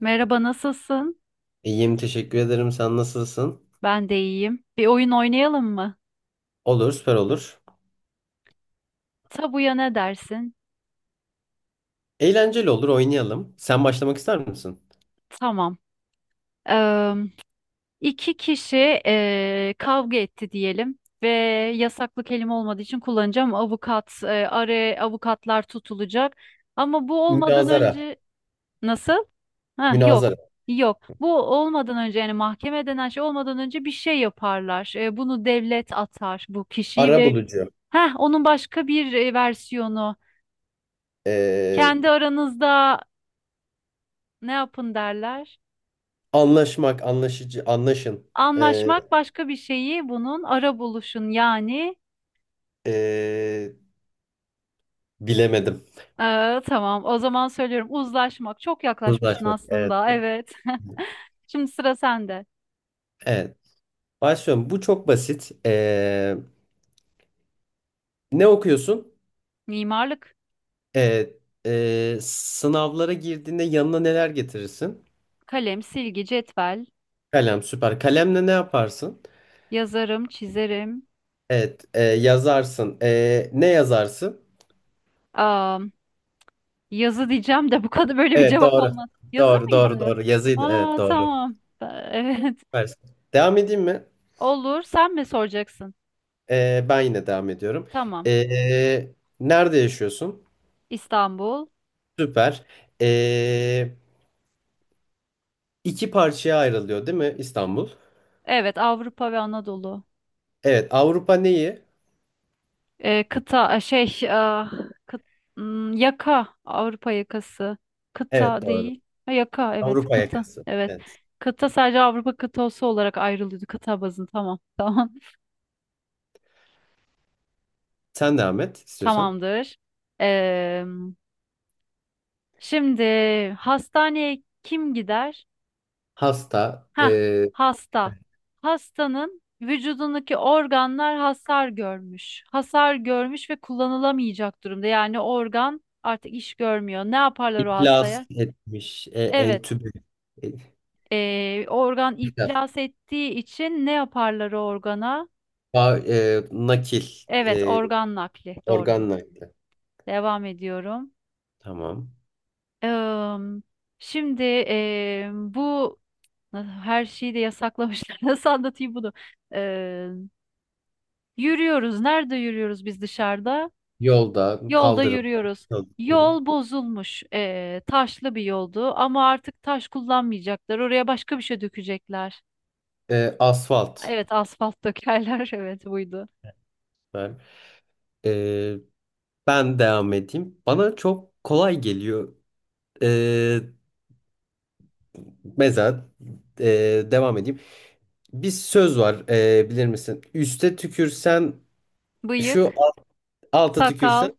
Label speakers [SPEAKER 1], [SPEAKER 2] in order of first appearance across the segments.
[SPEAKER 1] Merhaba, nasılsın?
[SPEAKER 2] İyiyim, teşekkür ederim. Sen nasılsın?
[SPEAKER 1] Ben de iyiyim. Bir oyun oynayalım mı?
[SPEAKER 2] Olur, süper olur.
[SPEAKER 1] Tabuya ne dersin?
[SPEAKER 2] Eğlenceli olur, oynayalım. Sen başlamak ister misin?
[SPEAKER 1] Tamam. Eee iki kişi kavga etti diyelim ve yasaklı kelime olmadığı için kullanacağım. Avukat, araya avukatlar tutulacak. Ama bu olmadan
[SPEAKER 2] Münazara,
[SPEAKER 1] önce nasıl? Ha, yok.
[SPEAKER 2] münazara.
[SPEAKER 1] Yok. Bu olmadan önce yani mahkeme denen şey olmadan önce bir şey yaparlar. Bunu devlet atar bu kişiyi ve
[SPEAKER 2] Arabulucu.
[SPEAKER 1] heh, onun başka bir versiyonu.
[SPEAKER 2] Ee,
[SPEAKER 1] Kendi aranızda ne yapın derler.
[SPEAKER 2] Anlaşmak, anlaşıcı, anlaşın. Ee,
[SPEAKER 1] Anlaşmak başka bir şeyi bunun ara buluşun yani.
[SPEAKER 2] ee, Bilemedim.
[SPEAKER 1] Tamam o zaman söylüyorum, uzlaşmak. Çok yaklaşmıştın
[SPEAKER 2] Uzlaşmak, evet.
[SPEAKER 1] aslında, evet. Şimdi sıra sende.
[SPEAKER 2] Evet. Başlıyorum. Bu çok basit. Ne okuyorsun?
[SPEAKER 1] Mimarlık,
[SPEAKER 2] Ee, Sınavlara girdiğinde yanına neler getirirsin?
[SPEAKER 1] kalem, silgi, cetvel,
[SPEAKER 2] Kalem, süper. Kalemle ne yaparsın?
[SPEAKER 1] yazarım, çizerim.
[SPEAKER 2] Evet, yazarsın. Ne yazarsın?
[SPEAKER 1] Aa, yazı diyeceğim de bu kadar böyle bir
[SPEAKER 2] Evet,
[SPEAKER 1] cevap
[SPEAKER 2] doğru.
[SPEAKER 1] olmaz. Yazı
[SPEAKER 2] Doğru, doğru,
[SPEAKER 1] mıydı?
[SPEAKER 2] doğru. Yazıydı. Evet,
[SPEAKER 1] Aa,
[SPEAKER 2] doğru.
[SPEAKER 1] tamam. Ee, Evet.
[SPEAKER 2] Süpersin. Devam edeyim mi?
[SPEAKER 1] Olur. Sen mi soracaksın?
[SPEAKER 2] Ben yine devam ediyorum.
[SPEAKER 1] Tamam.
[SPEAKER 2] E, Nerede yaşıyorsun?
[SPEAKER 1] İstanbul.
[SPEAKER 2] Süper. E, iki parçaya ayrılıyor, değil mi İstanbul?
[SPEAKER 1] Evet, Avrupa ve Anadolu.
[SPEAKER 2] Evet, Avrupa neyi?
[SPEAKER 1] Kıta şey, ah, kıt- hmm, yaka, Avrupa yakası,
[SPEAKER 2] Evet,
[SPEAKER 1] kıta
[SPEAKER 2] doğru.
[SPEAKER 1] değil, ha, yaka, evet,
[SPEAKER 2] Avrupa
[SPEAKER 1] kıta
[SPEAKER 2] yakası.
[SPEAKER 1] evet.
[SPEAKER 2] Evet.
[SPEAKER 1] Kıta sadece Avrupa kıtası olarak ayrılıyordu, kıta bazın, tamam. Tamam,
[SPEAKER 2] Sen devam et istiyorsan.
[SPEAKER 1] tamamdır. Eee, şimdi hastaneye kim gider?
[SPEAKER 2] Hasta,
[SPEAKER 1] Ha, hasta. Hastanın vücudundaki organlar hasar görmüş, ve kullanılamayacak durumda, yani organ artık iş görmüyor. Ne yaparlar o
[SPEAKER 2] iflas
[SPEAKER 1] hastaya?
[SPEAKER 2] etmiş,
[SPEAKER 1] Evet.
[SPEAKER 2] entübe, e,
[SPEAKER 1] Organ
[SPEAKER 2] iflas,
[SPEAKER 1] iflas ettiği için ne yaparlar o organa?
[SPEAKER 2] Nakil.
[SPEAKER 1] Evet,
[SPEAKER 2] e,
[SPEAKER 1] organ nakli. Doğru
[SPEAKER 2] Organ
[SPEAKER 1] bir.
[SPEAKER 2] Knight'lı.
[SPEAKER 1] Devam ediyorum.
[SPEAKER 2] Tamam.
[SPEAKER 1] Eee, şimdi bu her şeyi de yasaklamışlar. Nasıl anlatayım bunu? Eee, yürüyoruz. Nerede yürüyoruz biz dışarıda?
[SPEAKER 2] Yolda,
[SPEAKER 1] Yolda
[SPEAKER 2] kaldırım.
[SPEAKER 1] yürüyoruz.
[SPEAKER 2] Hı hı.
[SPEAKER 1] Yol bozulmuş. Taşlı bir yoldu ama artık taş kullanmayacaklar. Oraya başka bir şey dökecekler.
[SPEAKER 2] Asfalt.
[SPEAKER 1] Evet, asfalt dökerler. Evet, buydu.
[SPEAKER 2] Ben, E, ben devam edeyim. Bana çok kolay geliyor. E, Mesela e, devam edeyim. Bir söz var bilir misin? Üste tükürsen şu,
[SPEAKER 1] Bıyık.
[SPEAKER 2] al- alta
[SPEAKER 1] Sakal.
[SPEAKER 2] tükürsen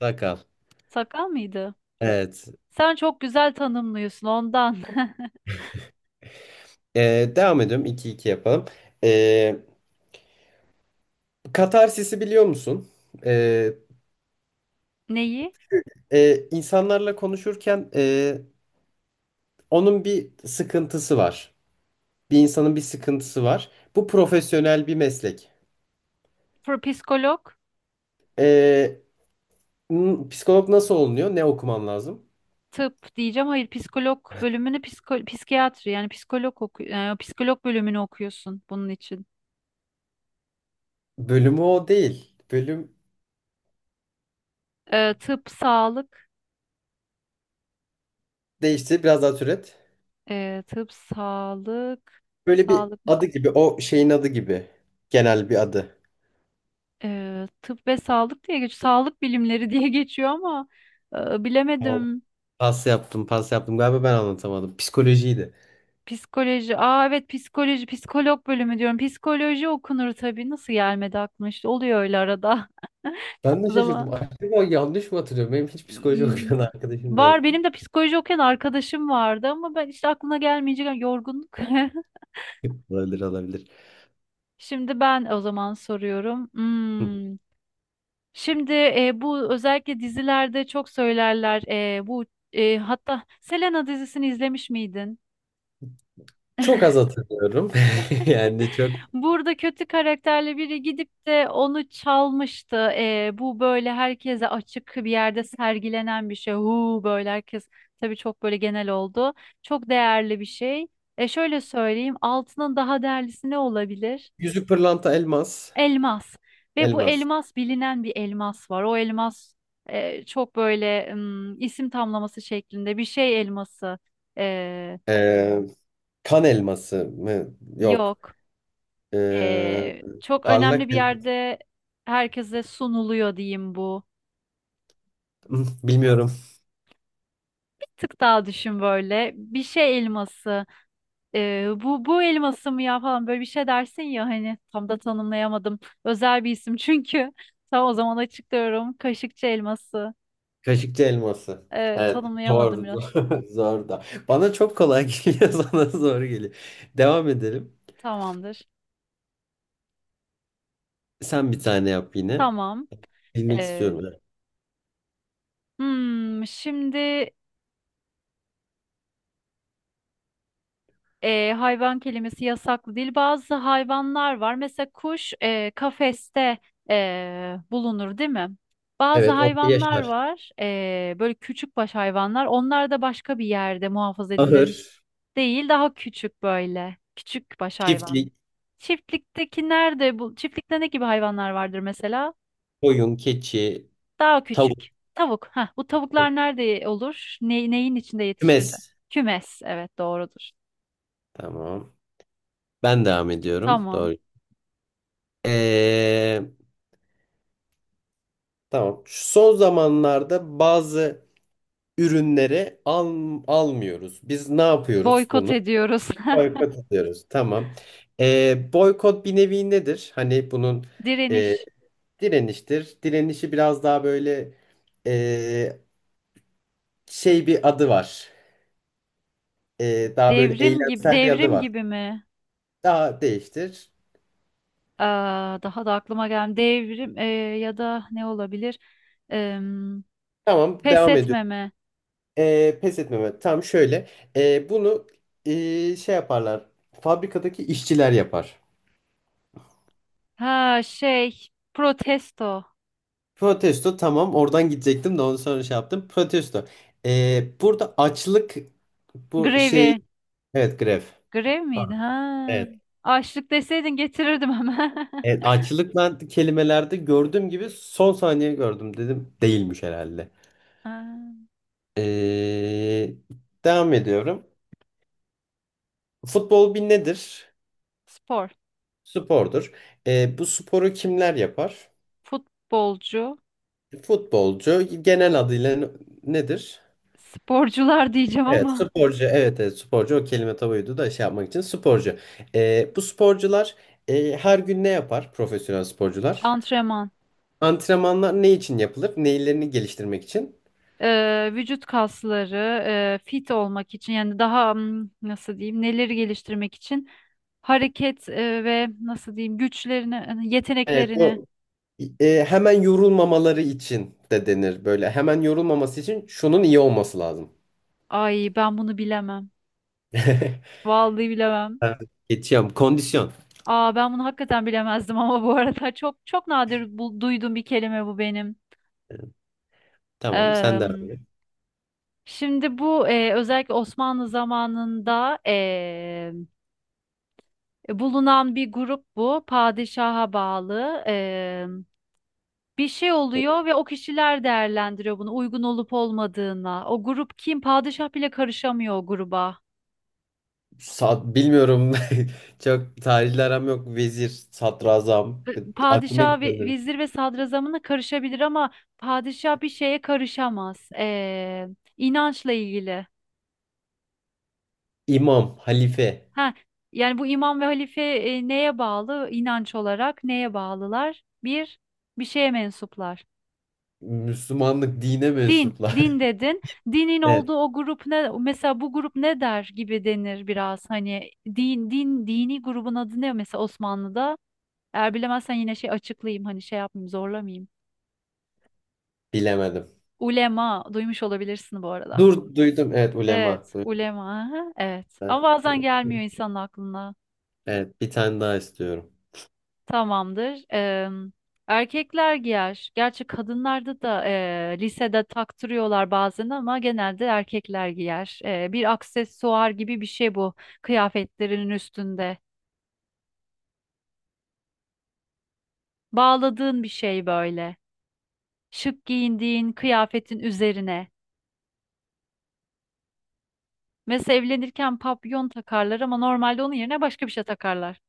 [SPEAKER 2] sakal.
[SPEAKER 1] Sakal mıydı?
[SPEAKER 2] Evet.
[SPEAKER 1] Sen çok güzel tanımlıyorsun ondan.
[SPEAKER 2] Devam ediyorum. 2 iki yapalım. E, Katarsis'i biliyor musun? E,
[SPEAKER 1] Neyi?
[SPEAKER 2] insanlarla konuşurken onun bir sıkıntısı var. Bir insanın bir sıkıntısı var. Bu profesyonel bir meslek.
[SPEAKER 1] Psikolog,
[SPEAKER 2] Ee, Psikolog nasıl olunuyor? Ne okumam lazım?
[SPEAKER 1] tıp diyeceğim. Hayır, psikolog bölümünü, psikiyatri, yani psikolog psikolog bölümünü okuyorsun bunun için.
[SPEAKER 2] Bölümü o değil. Bölüm
[SPEAKER 1] Tıp, sağlık,
[SPEAKER 2] değişti. Biraz daha türet.
[SPEAKER 1] e, tıp, sağlık,
[SPEAKER 2] Böyle bir
[SPEAKER 1] sağlık,
[SPEAKER 2] adı gibi. O şeyin adı gibi. Genel bir adı.
[SPEAKER 1] tıp ve sağlık diye geçiyor. Sağlık bilimleri diye geçiyor ama
[SPEAKER 2] Tamam.
[SPEAKER 1] bilemedim.
[SPEAKER 2] Pas yaptım, pas yaptım. Galiba ben anlatamadım. Psikolojiydi.
[SPEAKER 1] Psikoloji. Aa, evet, psikoloji, psikolog bölümü diyorum. Psikoloji okunur tabii. Nasıl gelmedi aklıma, işte. Oluyor öyle arada.
[SPEAKER 2] Ben de
[SPEAKER 1] O
[SPEAKER 2] şaşırdım.
[SPEAKER 1] zaman
[SPEAKER 2] Acaba yanlış mı hatırlıyorum? Benim hiç psikoloji okuyan
[SPEAKER 1] iyi-
[SPEAKER 2] arkadaşım da yok.
[SPEAKER 1] var, benim de psikoloji okuyan arkadaşım vardı ama ben işte, aklına gelmeyecek, yani yorgunluk.
[SPEAKER 2] Olabilir, olabilir.
[SPEAKER 1] Şimdi ben o zaman soruyorum.
[SPEAKER 2] Hı.
[SPEAKER 1] Hmm. Şimdi bu özellikle dizilerde çok söylerler. E, bu hatta Selena dizisini izlemiş miydin?
[SPEAKER 2] Çok az hatırlıyorum. Yani çok.
[SPEAKER 1] Burada kötü karakterli biri gidip de onu çalmıştı. Bu böyle herkese açık bir yerde sergilenen bir şey. Huu, böyle herkes, tabii çok böyle genel oldu. Çok değerli bir şey. E, şöyle söyleyeyim, altının daha değerlisi ne olabilir?
[SPEAKER 2] Yüzük pırlanta elmas.
[SPEAKER 1] Elmas. Ve bu
[SPEAKER 2] Elmas.
[SPEAKER 1] elmas, bilinen bir elmas var. O elmas çok böyle, isim tamlaması şeklinde, bir şey elması. E,
[SPEAKER 2] Ee, Kan elması mı? Yok.
[SPEAKER 1] yok.
[SPEAKER 2] Ee,
[SPEAKER 1] Çok
[SPEAKER 2] Parlak
[SPEAKER 1] önemli bir
[SPEAKER 2] elması.
[SPEAKER 1] yerde herkese sunuluyor, diyeyim bu.
[SPEAKER 2] Bilmiyorum.
[SPEAKER 1] Bir tık daha düşün böyle. Bir şey elması. Bu, bu elması mı ya falan böyle bir şey dersin ya, hani tam da tanımlayamadım. Özel bir isim çünkü. Tam, o zaman açıklıyorum. Kaşıkçı elması.
[SPEAKER 2] Kaşıkçı elması. Evet.
[SPEAKER 1] Tanımlayamadım
[SPEAKER 2] Zor.
[SPEAKER 1] biraz.
[SPEAKER 2] Zor zor da. Bana çok kolay geliyor. Sana zor geliyor. Devam edelim.
[SPEAKER 1] Tamamdır.
[SPEAKER 2] Sen bir tane yap yine.
[SPEAKER 1] Tamam.
[SPEAKER 2] Bilmek
[SPEAKER 1] Ee,
[SPEAKER 2] istiyorum. Evet.
[SPEAKER 1] şimdi hayvan kelimesi yasaklı değil. Bazı hayvanlar var. Mesela kuş kafeste bulunur, değil mi? Bazı
[SPEAKER 2] Evet, orada
[SPEAKER 1] hayvanlar
[SPEAKER 2] yaşar.
[SPEAKER 1] var, böyle küçük baş hayvanlar. Onlar da başka bir yerde muhafaza edilir.
[SPEAKER 2] Ahır,
[SPEAKER 1] Değil, daha küçük böyle. Küçük baş hayvan.
[SPEAKER 2] çiftlik,
[SPEAKER 1] Çiftlikteki nerede bu? Çiftlikte ne gibi hayvanlar vardır mesela?
[SPEAKER 2] koyun, keçi,
[SPEAKER 1] Daha küçük.
[SPEAKER 2] tavuk,
[SPEAKER 1] Tavuk. Heh, bu tavuklar nerede olur? Ne, neyin içinde yetişirdi?
[SPEAKER 2] kümes.
[SPEAKER 1] Kümes. Evet, doğrudur.
[SPEAKER 2] Tamam. Ben devam ediyorum.
[SPEAKER 1] Tamam.
[SPEAKER 2] Doğru. Ee, tamam. Şu son zamanlarda bazı ürünleri almıyoruz. Biz ne yapıyoruz
[SPEAKER 1] Boykot
[SPEAKER 2] bunu?
[SPEAKER 1] ediyoruz.
[SPEAKER 2] Boykot ediyoruz. Tamam. Boykot bir nevi nedir? Hani bunun e,
[SPEAKER 1] Direniş.
[SPEAKER 2] direniştir. Direnişi biraz daha böyle e, şey bir adı var. Daha böyle
[SPEAKER 1] Devrim gibi,
[SPEAKER 2] eylemsel bir adı var.
[SPEAKER 1] mi?
[SPEAKER 2] Daha değiştir.
[SPEAKER 1] Aa, daha da aklıma gelmedi. Devrim, ya da ne olabilir? Em,
[SPEAKER 2] Tamam.
[SPEAKER 1] pes
[SPEAKER 2] Devam ediyorum.
[SPEAKER 1] etmeme.
[SPEAKER 2] Pes etmeme. Tam şöyle. Bunu şey yaparlar. Fabrikadaki işçiler yapar.
[SPEAKER 1] Ha, şey, protesto.
[SPEAKER 2] Protesto tamam oradan gidecektim de onu sonra şey yaptım. Protesto. Burada açlık bu
[SPEAKER 1] Grevi.
[SPEAKER 2] şey evet grev.
[SPEAKER 1] Grev
[SPEAKER 2] Ha,
[SPEAKER 1] miydi? Ha.
[SPEAKER 2] evet.
[SPEAKER 1] Açlık deseydin getirirdim hemen.
[SPEAKER 2] Evet, açlık ben kelimelerde gördüğüm gibi son saniye gördüm dedim. Değilmiş herhalde.
[SPEAKER 1] Ha.
[SPEAKER 2] E, Devam ediyorum. Futbol bir nedir?
[SPEAKER 1] Spor.
[SPEAKER 2] Spordur. Bu sporu kimler yapar?
[SPEAKER 1] Futbolcu.
[SPEAKER 2] Futbolcu genel adıyla nedir?
[SPEAKER 1] Sporcular diyeceğim
[SPEAKER 2] Evet,
[SPEAKER 1] ama.
[SPEAKER 2] sporcu. Evet, evet, sporcu. O kelime tabuydu da şey yapmak için sporcu. Bu sporcular her gün ne yapar? Profesyonel sporcular.
[SPEAKER 1] Antrenman.
[SPEAKER 2] Antrenmanlar ne için yapılır? Neylerini geliştirmek için.
[SPEAKER 1] Vücut kasları, fit olmak için, yani daha, hmm, nasıl diyeyim, neleri geliştirmek için, hareket ve nasıl diyeyim, güçlerini, hani
[SPEAKER 2] Evet,
[SPEAKER 1] yeteneklerini.
[SPEAKER 2] bu hemen yorulmamaları için de denir böyle. Hemen yorulmaması için şunun iyi olması lazım.
[SPEAKER 1] Ay, ben bunu bilemem. Vallahi bilemem.
[SPEAKER 2] Ben geçiyorum. Kondisyon.
[SPEAKER 1] Aa, ben bunu hakikaten bilemezdim ama bu arada çok çok nadir bu, duyduğum bir kelime bu benim.
[SPEAKER 2] Tamam, sen de,
[SPEAKER 1] Eee,
[SPEAKER 2] abi.
[SPEAKER 1] şimdi bu özellikle Osmanlı zamanında bulunan bir grup bu. Padişaha bağlı. Bir şey oluyor ve o kişiler değerlendiriyor bunu, uygun olup olmadığına. O grup kim? Padişah bile karışamıyor o gruba.
[SPEAKER 2] Bilmiyorum. Çok tarihle aram yok. Vezir, sadrazam. Aklıma
[SPEAKER 1] Padişah,
[SPEAKER 2] ilk geldi.
[SPEAKER 1] vezir ve sadrazamına karışabilir ama padişah bir şeye karışamaz. İnançla ilgili.
[SPEAKER 2] İmam, halife.
[SPEAKER 1] Ha, yani bu imam ve halife neye bağlı? İnanç olarak neye bağlılar? Bir, şeye mensuplar.
[SPEAKER 2] Müslümanlık dine
[SPEAKER 1] Din,
[SPEAKER 2] mensuplar.
[SPEAKER 1] dedin. Dinin
[SPEAKER 2] Evet,
[SPEAKER 1] olduğu o grup ne? Mesela bu grup ne der gibi denir biraz. Hani din, dini grubun adı ne mesela Osmanlı'da? Eğer bilemezsen yine şey açıklayayım, hani şey yapmayayım, zorlamayayım.
[SPEAKER 2] bilemedim.
[SPEAKER 1] Ulema, duymuş olabilirsin bu arada.
[SPEAKER 2] Dur, duydum. Evet, ulema.
[SPEAKER 1] Evet,
[SPEAKER 2] Duydum.
[SPEAKER 1] ulema. Aha, evet.
[SPEAKER 2] Evet,
[SPEAKER 1] Ama bazen gelmiyor
[SPEAKER 2] duydum.
[SPEAKER 1] insanın aklına.
[SPEAKER 2] Evet, bir tane daha istiyorum.
[SPEAKER 1] Tamamdır. Erkekler giyer. Gerçi kadınlarda da lisede taktırıyorlar bazen ama genelde erkekler giyer. Bir aksesuar gibi bir şey bu, kıyafetlerin üstünde. Bağladığın bir şey böyle. Şık giyindiğin kıyafetin üzerine. Mesela evlenirken papyon takarlar ama normalde onun yerine başka bir şey takarlar.